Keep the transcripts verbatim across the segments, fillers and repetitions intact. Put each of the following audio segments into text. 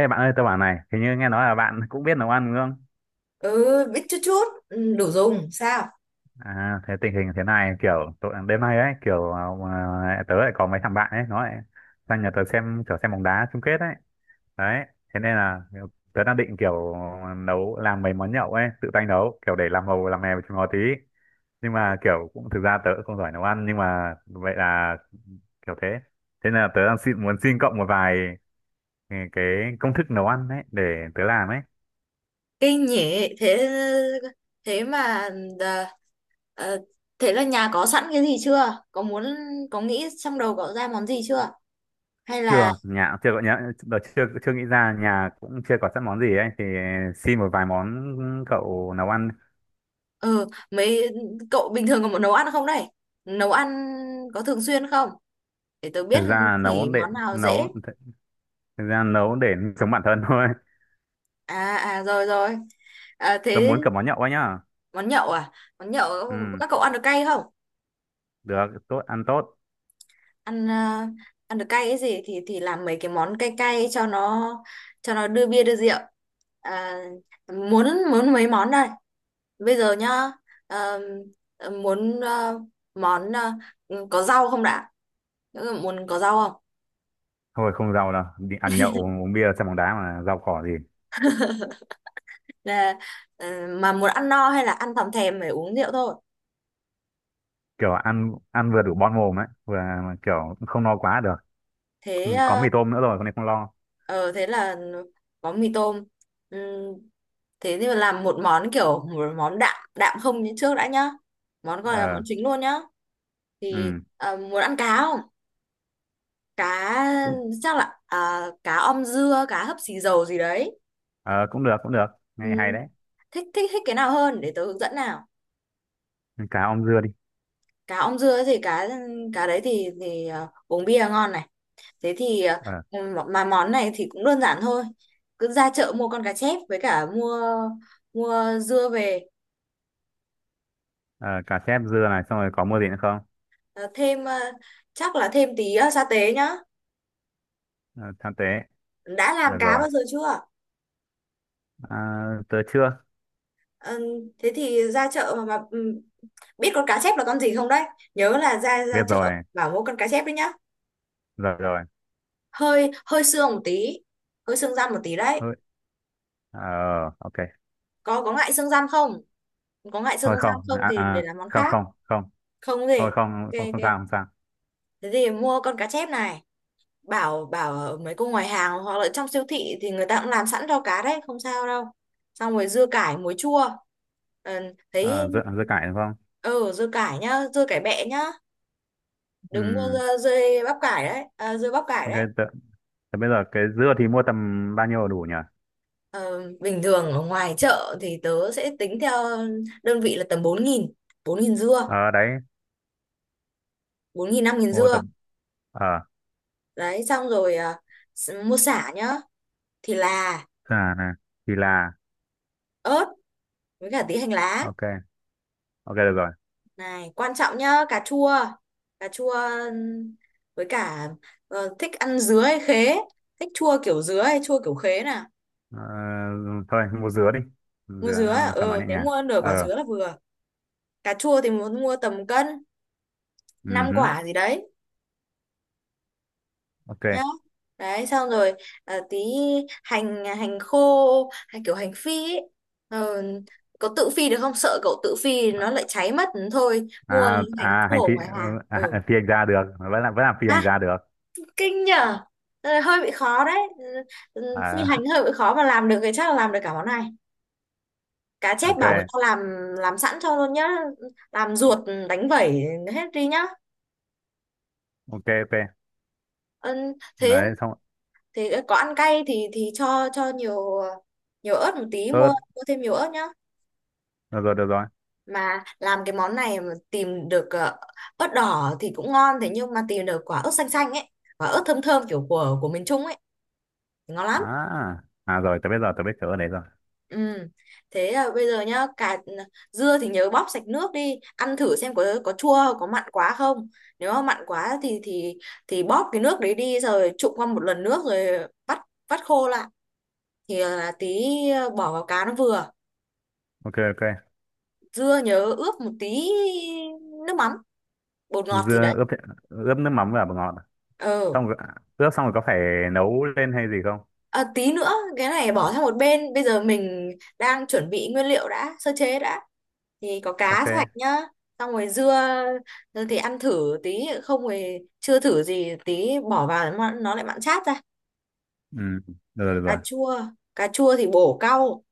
Ê bạn ơi, tôi bảo này, hình như nghe nói là bạn cũng biết nấu ăn đúng không? Ừ. Biết chút chút. Ừ, đủ dùng sao. À, thế tình hình thế này kiểu tội, đêm nay ấy kiểu à, tớ lại có mấy thằng bạn ấy nó lại sang nhà tớ xem kiểu xem bóng đá chung kết ấy. Đấy, thế nên là kiểu, tớ đang định kiểu nấu làm mấy món nhậu ấy, tự tay nấu kiểu để làm màu làm mè với chúng nó tí. Nhưng mà kiểu cũng thực ra tớ cũng không giỏi nấu ăn nhưng mà vậy là kiểu thế. Thế nên là tớ đang xin, muốn xin cộng một vài ừ, cái công thức nấu ăn ấy để tớ làm ấy. Kinh nhỉ. Thế thế mà. À, à, thế là nhà có sẵn cái gì chưa, có muốn... có nghĩ trong đầu cậu ra món gì chưa, hay là? Chưa, nhà chưa có, nhớ đợt chưa chưa nghĩ ra, nhà cũng chưa có sẵn món gì ấy, thì xin một vài món cậu nấu ăn. Ờ, mấy cậu bình thường có muốn nấu ăn không đây? Nấu ăn có thường xuyên không, để tớ biết? Thực ra nấu Chỉ để món nào dễ. nấu, thực ra nấu để sống bản thân thôi. À à, rồi rồi. À, Tôi thế... muốn cả món nhậu ấy nhá. Món nhậu à? Món nhậu. Ừ, Các cậu ăn được cay không? được, tốt, ăn tốt. Ăn ờ, ăn được cay cái gì thì thì làm mấy cái món cay cay cho nó, cho nó đưa bia đưa rượu. À, muốn muốn mấy món đây, bây giờ nhá? Ờ, muốn ờ, món ờ, có rau không đã? Ừ, muốn có rau không? Thôi không giàu đâu, đi ăn nhậu uống bia xem bóng đá mà giàu cỏ gì. Là ờ, mà muốn ăn no hay là ăn thòm thèm phải uống rượu thôi? Kiểu ăn ăn vừa đủ bon mồm ấy, vừa kiểu không no quá được. Ừ, Thế có ờ, mì tôm nữa rồi con này không lo. ờ, thế là có mì tôm. Ừm, thế thì làm một món kiểu một món đạm đạm không như trước đã nhá, món gọi là món Ờ. chính luôn nhá. Thì Ừ, à, muốn ăn cá không? Cá, chắc là à, cá om dưa, cá hấp xì dầu gì đấy. ờ, cũng được cũng được, nghe hay Ừ. đấy. Thích thích thích cái nào hơn để tớ hướng dẫn nào? Cá om dưa đi. Cá om dưa thì cá cá đấy thì thì à, uống bia ngon này. Thế thì à, Ờ. mà món này thì cũng đơn giản thôi, cứ ra chợ mua con cá chép với cả mua mua dưa về. Ờ, cà chép dưa này, xong rồi có mua gì nữa không? À, thêm à, chắc là thêm tí à, sa tế nhá. Ờ, tham tế, Đã làm được cá rồi. bao giờ chưa? À, tớ chưa Ờ, thế thì ra chợ mà, mà ừ, biết con cá chép là con gì không đấy? Nhớ là ra ra biết. chợ Rồi bảo mua con cá chép đấy nhá. rồi rồi. Hơi hơi xương một tí, hơi xương răm một tí đấy. Thôi, ờ, ok. Có có ngại xương răm không? Có ngại xương Thôi răm không, không à, thì để à, làm món không khác. không không. Không gì. Thôi không Ok không không ok, sao, không sao. thế thì mua con cá chép này. Bảo bảo ở mấy cô ngoài hàng hoặc là trong siêu thị thì người ta cũng làm sẵn cho, cá đấy không sao đâu. Xong rồi dưa cải muối chua. Ờ, Ờ, thấy dưa dưa cải đúng không? ừ, dưa cải nhá, dưa cải bẹ nhá, đừng mua Ừ, ra dưa bắp cải đấy, à, dưa bắp cải ok. đấy. Tớ, tớ bây giờ cái dưa thì mua tầm bao nhiêu là đủ nhỉ? Ờ, bình thường ở ngoài chợ thì tớ sẽ tính theo đơn vị là tầm bốn nghìn, bốn nghìn dưa, Ờ đấy, bốn nghìn năm nghìn mua dưa tầm, ờ. đấy. Xong rồi à, s- mua sả nhá, thì là, À, này, thì là. ớt, với cả tí hành lá. Ok ok, được rồi. Này quan trọng nhá, cà chua. Cà chua với cả ờ, thích ăn dứa hay khế? Thích chua kiểu dứa hay chua kiểu khế nè? Ờ, thôi mua dứa đi, Mua dứa dứa à? ăn cho nó Ừ, nhẹ thế nhàng. mua nửa Ờ. quả dứa là vừa. Cà chua thì muốn mua tầm cân, năm Ừ, quả gì đấy ok. nhá. Đấy, xong rồi à, tí hành, hành khô hay kiểu hành phi ấy? Ờ, có tự phi được không, sợ cậu tự phi nó lại cháy mất thôi mua À, hành à, hành khô ở phi, ngoài ờ. hàng À, ừ. à, phi hành gia được, vẫn là vẫn là phi À, hành gia được. kinh nhở. Ờ, hơi bị khó đấy. Ừ, ừ, phi hành À. hơi bị khó mà làm được thì chắc là làm được cả món này. Cá chép Ok. bảo người ta làm làm sẵn cho luôn nhá, làm ruột, đánh vẩy hết đi nhá. Ok ok. Ừ, thế Đấy xong. thế ờ, có ăn cay thì thì cho cho nhiều, nhiều ớt một tí, mua Ớt, mua thêm nhiều ớt nhá. được rồi được rồi. Mà làm cái món này mà tìm được ờ, ớt đỏ thì cũng ngon, thế nhưng mà tìm được quả ớt xanh xanh ấy, quả ớt thơm thơm kiểu của của miền Trung ấy thì ngon lắm. À à rồi, tớ biết rồi, tớ biết chỗ ở đấy rồi. Ừ. Thế ờ, bây giờ nhá, cà ừ, dưa thì nhớ bóp sạch nước đi, ăn thử xem có có chua có mặn quá không. Nếu mà mặn quá thì thì thì bóp cái nước đấy đi rồi trụng qua một lần nước rồi vắt vắt khô lại thì ờ, là tí ờ, bỏ vào cá nó vừa. Ok ok. Dưa nhớ ướp một tí nước mắm, bột ngọt gì Dưa đấy. ướp, ướp nước mắm và bột ngọt. Ừ. Xong rồi, ướp xong rồi có phải nấu lên hay gì không? À, tí nữa cái này bỏ sang một bên, bây giờ mình đang chuẩn bị nguyên liệu đã, sơ chế đã, thì có Ok. cá sạch nhá. Xong rồi dưa dưa thì ăn thử tí không rồi chưa thử gì, tí bỏ vào nó nó lại mặn chát ra. Ừ, được rồi được cà rồi. chua cà chua thì bổ cau,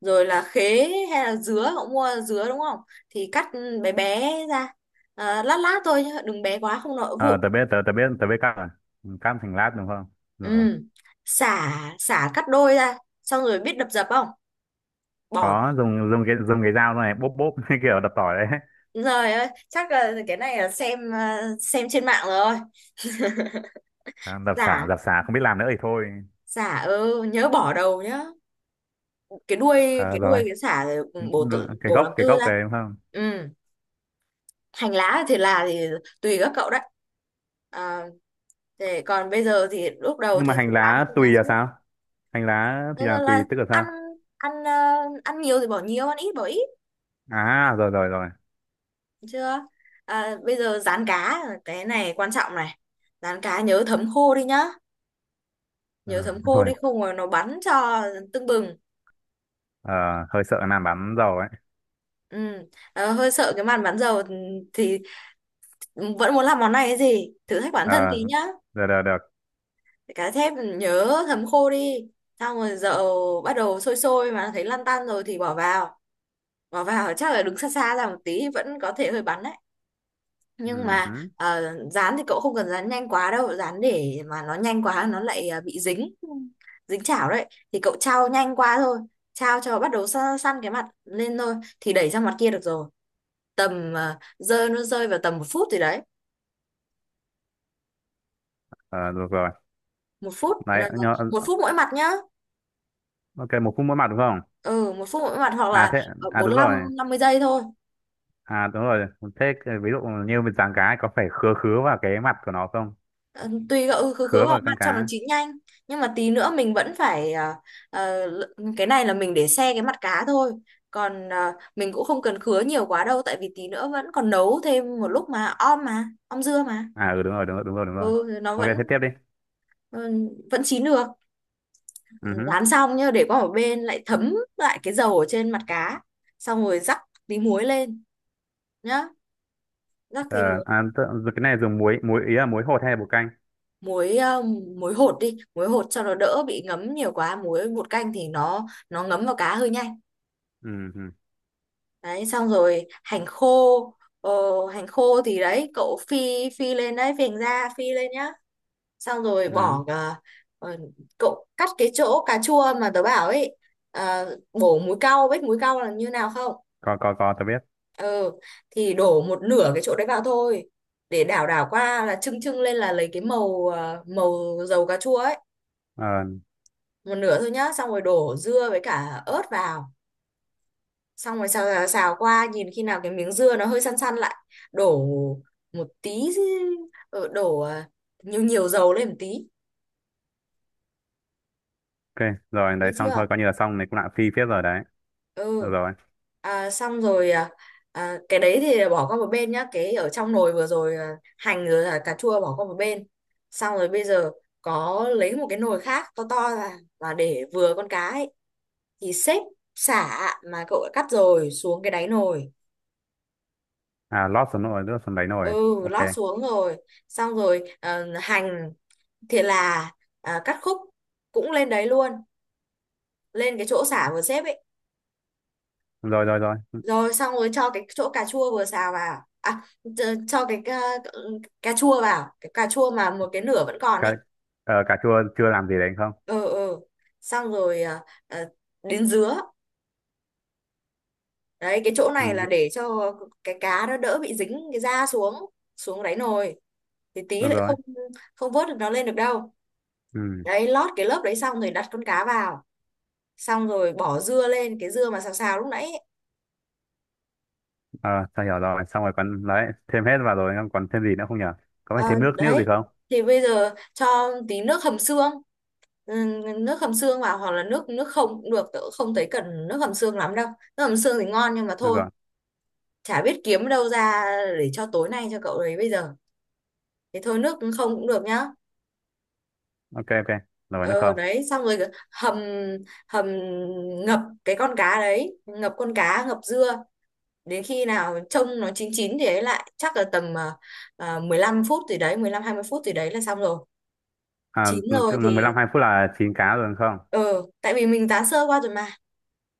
rồi là khế hay là dứa, cậu mua dứa đúng không, thì cắt bé bé ra, à, lát lát thôi nhá, đừng bé quá không nó Ờ, vụn. tớ biết tớ tớ biết tớ biết cắt rồi. Ừ, cắt thành lát đúng không? Rồi. Ừ. xả xả cắt đôi ra, xong rồi biết đập dập không, bỏ. Có dùng dùng cái dùng cái dao này bóp bóp như kiểu đập tỏi đấy. Rồi ơi, chắc là cái này là xem ờ, xem trên mạng rồi. À, đập xả Giả, đập xả không biết làm nữa thì thôi. giả ừ, nhớ bỏ đầu nhá. Cái đuôi, Ờ cái rồi. đuôi cái xả rồi ừ, Đúng- bổ đúng tự cái bổ gốc, làm cái tư gốc ra. đấy đúng không? Ừ, hành lá thì là thì tùy các cậu đấy. À, thế còn bây giờ thì lúc đầu Nhưng thì mà hành phải bán lá cái tùy lá là trước. sao? Hành lá Thế thì là nên tùy là tức là ăn, sao? ăn ờ, ăn nhiều thì bỏ nhiều, ăn ít bỏ ít, À rồi rồi rồi. được chưa? À, bây giờ rán cá, cái này quan trọng này. Rán cá nhớ thấm khô đi nhá, Ờ, nhớ thấm khô rồi. đi không mà nó bắn cho tưng bừng. Ờ, hơi sợ làm bắn dầu ấy. Ừ. Ờ, hơi sợ cái màn bắn dầu thì vẫn muốn làm món này, cái gì thử thách bản Ờ, thân tí nhá. được được được. Cá chép nhớ thấm khô đi, xong rồi dầu bắt đầu sôi sôi mà thấy lăn tăn rồi thì bỏ vào bỏ vào chắc là đứng xa xa ra một tí, vẫn có thể hơi bắn đấy, Ừ, nhưng mà hứ. ờ, dán thì cậu không cần dán nhanh quá đâu, dán để mà nó nhanh quá nó lại ờ, bị dính, dính chảo đấy, thì cậu trao nhanh qua thôi, trao cho bắt đầu săn, săn cái mặt lên thôi thì đẩy sang mặt kia được rồi, tầm ờ, rơi nó rơi vào tầm một phút gì đấy, Ờ, được rồi. một phút ờ, Đấy nhớ. một phút mỗi mặt nhá. Ok, một phút mỗi mặt đúng không? Ừ, một phút mỗi mặt hoặc À là thế, ờ, à bốn đúng rồi, lăm năm mươi giây thôi. à đúng rồi, thế cái- ví dụ như mình giáng cá ấy, có phải khứa khứa vào cái mặt của nó không? Ờ, tùy cậu, ừ, khứ khứ Khứa vào vào mặt con cho nó cá. chín nhanh, nhưng mà tí nữa mình vẫn phải ờ, ờ, l- cái này là mình để xe cái mặt cá thôi, còn ờ, mình cũng không cần khứa nhiều quá đâu, tại vì tí nữa vẫn còn nấu thêm một lúc mà om, mà om dưa mà. À ừ, đúng rồi đúng rồi đúng rồi đúng rồi. Ừ, nó Ok, vẫn thế tiếp đi. ừ, vẫn chín được. Ừ hứ. Rán xong nhá, để qua một bên lại thấm lại cái dầu ở trên mặt cá, xong rồi rắc tí muối lên nhá, rắc Ờ, tí muối. à, tự- cái này dùng muối, muối ý là muối hột hay là bột canh? Muối ờ, muối hột đi, muối hột cho nó đỡ bị ngấm nhiều quá, muối bột canh thì nó nó ngấm vào cá hơi nhanh. Ừ. Đấy, xong rồi hành khô ờ, hành khô thì đấy cậu phi, phi lên đấy phình ra phi lên nhá. Xong rồi Ừ. bỏ ờ, ờ, cậu cắt cái chỗ cà chua mà tớ bảo ấy, ờ, bổ múi cau, biết múi cau là như nào không. Có có có tớ biết. Ừ, thì đổ một nửa cái chỗ đấy vào thôi, để đảo đảo qua là trưng trưng lên là lấy cái màu ờ, màu dầu cà chua ấy. Ờ, Một nửa thôi nhá, xong rồi đổ dưa với cả ớt vào, xong rồi xào xào, xào qua, nhìn khi nào cái miếng dưa nó hơi săn săn lại đổ một tí ờ, đổ à, nhiều nhiều dầu lên một tí. ok, rồi Biết đấy xong chưa? thôi, coi như là xong, này cũng lãng phí phết rồi đấy. Được Ừ. rồi. À, xong rồi à, à, cái đấy thì bỏ qua một bên nhá, cái ở trong nồi vừa rồi à, hành rồi là cà chua bỏ qua một bên, xong rồi bây giờ có lấy một cái nồi khác to to ra và để vừa con cá ấy, thì xếp sả mà cậu đã cắt rồi xuống cái đáy nồi. À lót xuống nồi, lót xuống đấy Ừ, nồi, ok. lót xuống rồi, xong rồi ờ, hành, thì là, à, cắt khúc cũng lên đấy luôn, lên cái chỗ sả vừa xếp ấy, Rồi rồi rồi. rồi xong rồi cho cái chỗ cà chua vừa xào vào, à ch- cho cái cà, cà chua vào, cái cà chua mà một cái nửa vẫn còn ấy. Cả, ờ, cà chua chưa làm gì đấy không? Ừ ừ, xong rồi à, à, đến dứa. Đấy cái chỗ này là Ừ. để cho cái cá nó đỡ bị dính cái da xuống xuống đáy nồi, thì tí Được lại rồi. không, không vớt được nó lên được đâu. Ừ. Đấy, lót cái lớp đấy xong rồi đặt con cá vào, xong rồi bỏ dưa lên, cái dưa mà xào xào lúc nãy. Ờ, tao hiểu rồi, xong rồi còn đấy, thêm hết vào rồi, không còn thêm gì nữa không nhở? Có Ờ, phải thêm nước, nước gì đấy không? thì bây giờ cho tí nước hầm xương, ừ, nước hầm xương vào, hoặc là nước, nước không cũng được, tớ cũng không thấy cần nước hầm xương lắm đâu, nước hầm xương thì ngon nhưng mà Được thôi, rồi. chả biết kiếm đâu ra để cho tối nay cho cậu đấy, bây giờ thì thôi nước không cũng được nhá. Ok ok. Rồi, nước Ờ không? đấy, xong rồi hầm, hầm ngập cái con cá đấy, ngập con cá ngập dưa, đến khi nào trông nó chín chín thì ấy lại chắc là tầm à, à, mười lăm phút gì đấy, mười lăm hai mươi phút gì đấy là xong rồi. À, Chín rồi cứ mười thì, lăm hai phút là chín cá rồi đúng không? ờ tại vì mình tá sơ qua rồi mà.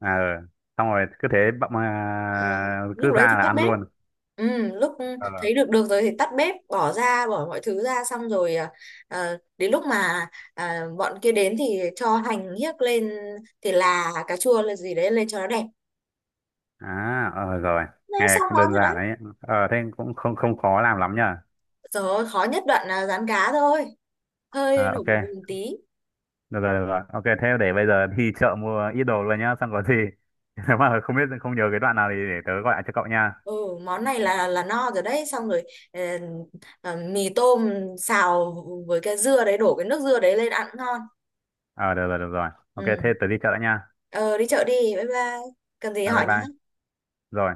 À ừ. Xong rồi cứ thế bậm, à, Ờ, lúc cứ đấy thì ra là tắt ăn bếp, luôn. ừ, lúc Ờ. thấy được được rồi thì tắt bếp bỏ ra, bỏ mọi thứ ra, xong rồi à, à, đến lúc mà à, bọn kia đến thì cho hành hiếc lên, thì là, cà chua là gì đấy lên cho nó đẹp. À, ờ rồi, Đấy nghe xong cũng món đơn rồi giản đấy. đấy. Ờ, thế cũng không không khó làm lắm nhờ. Rồi khó nhất đoạn là rán cá thôi, hơi À, nổi ok, bùng bùng tí. được rồi, được rồi. Ok, thế để bây giờ đi chợ mua ít đồ luôn nhá, xong có gì. Nếu mà không biết, không nhớ cái đoạn nào thì để tớ gọi lại cho cậu nha. Ừ. Món này là là no rồi đấy, xong rồi ờ, ờ, mì tôm xào với cái dưa đấy, đổ cái nước dưa đấy lên ăn cũng ngon. Ờ, được rồi, được rồi. Ok, Ừ. thế tớ đi chợ đã nha. Ờ đi chợ đi, bye bye. Cần gì À, bye hỏi nhé. bye. Rồi.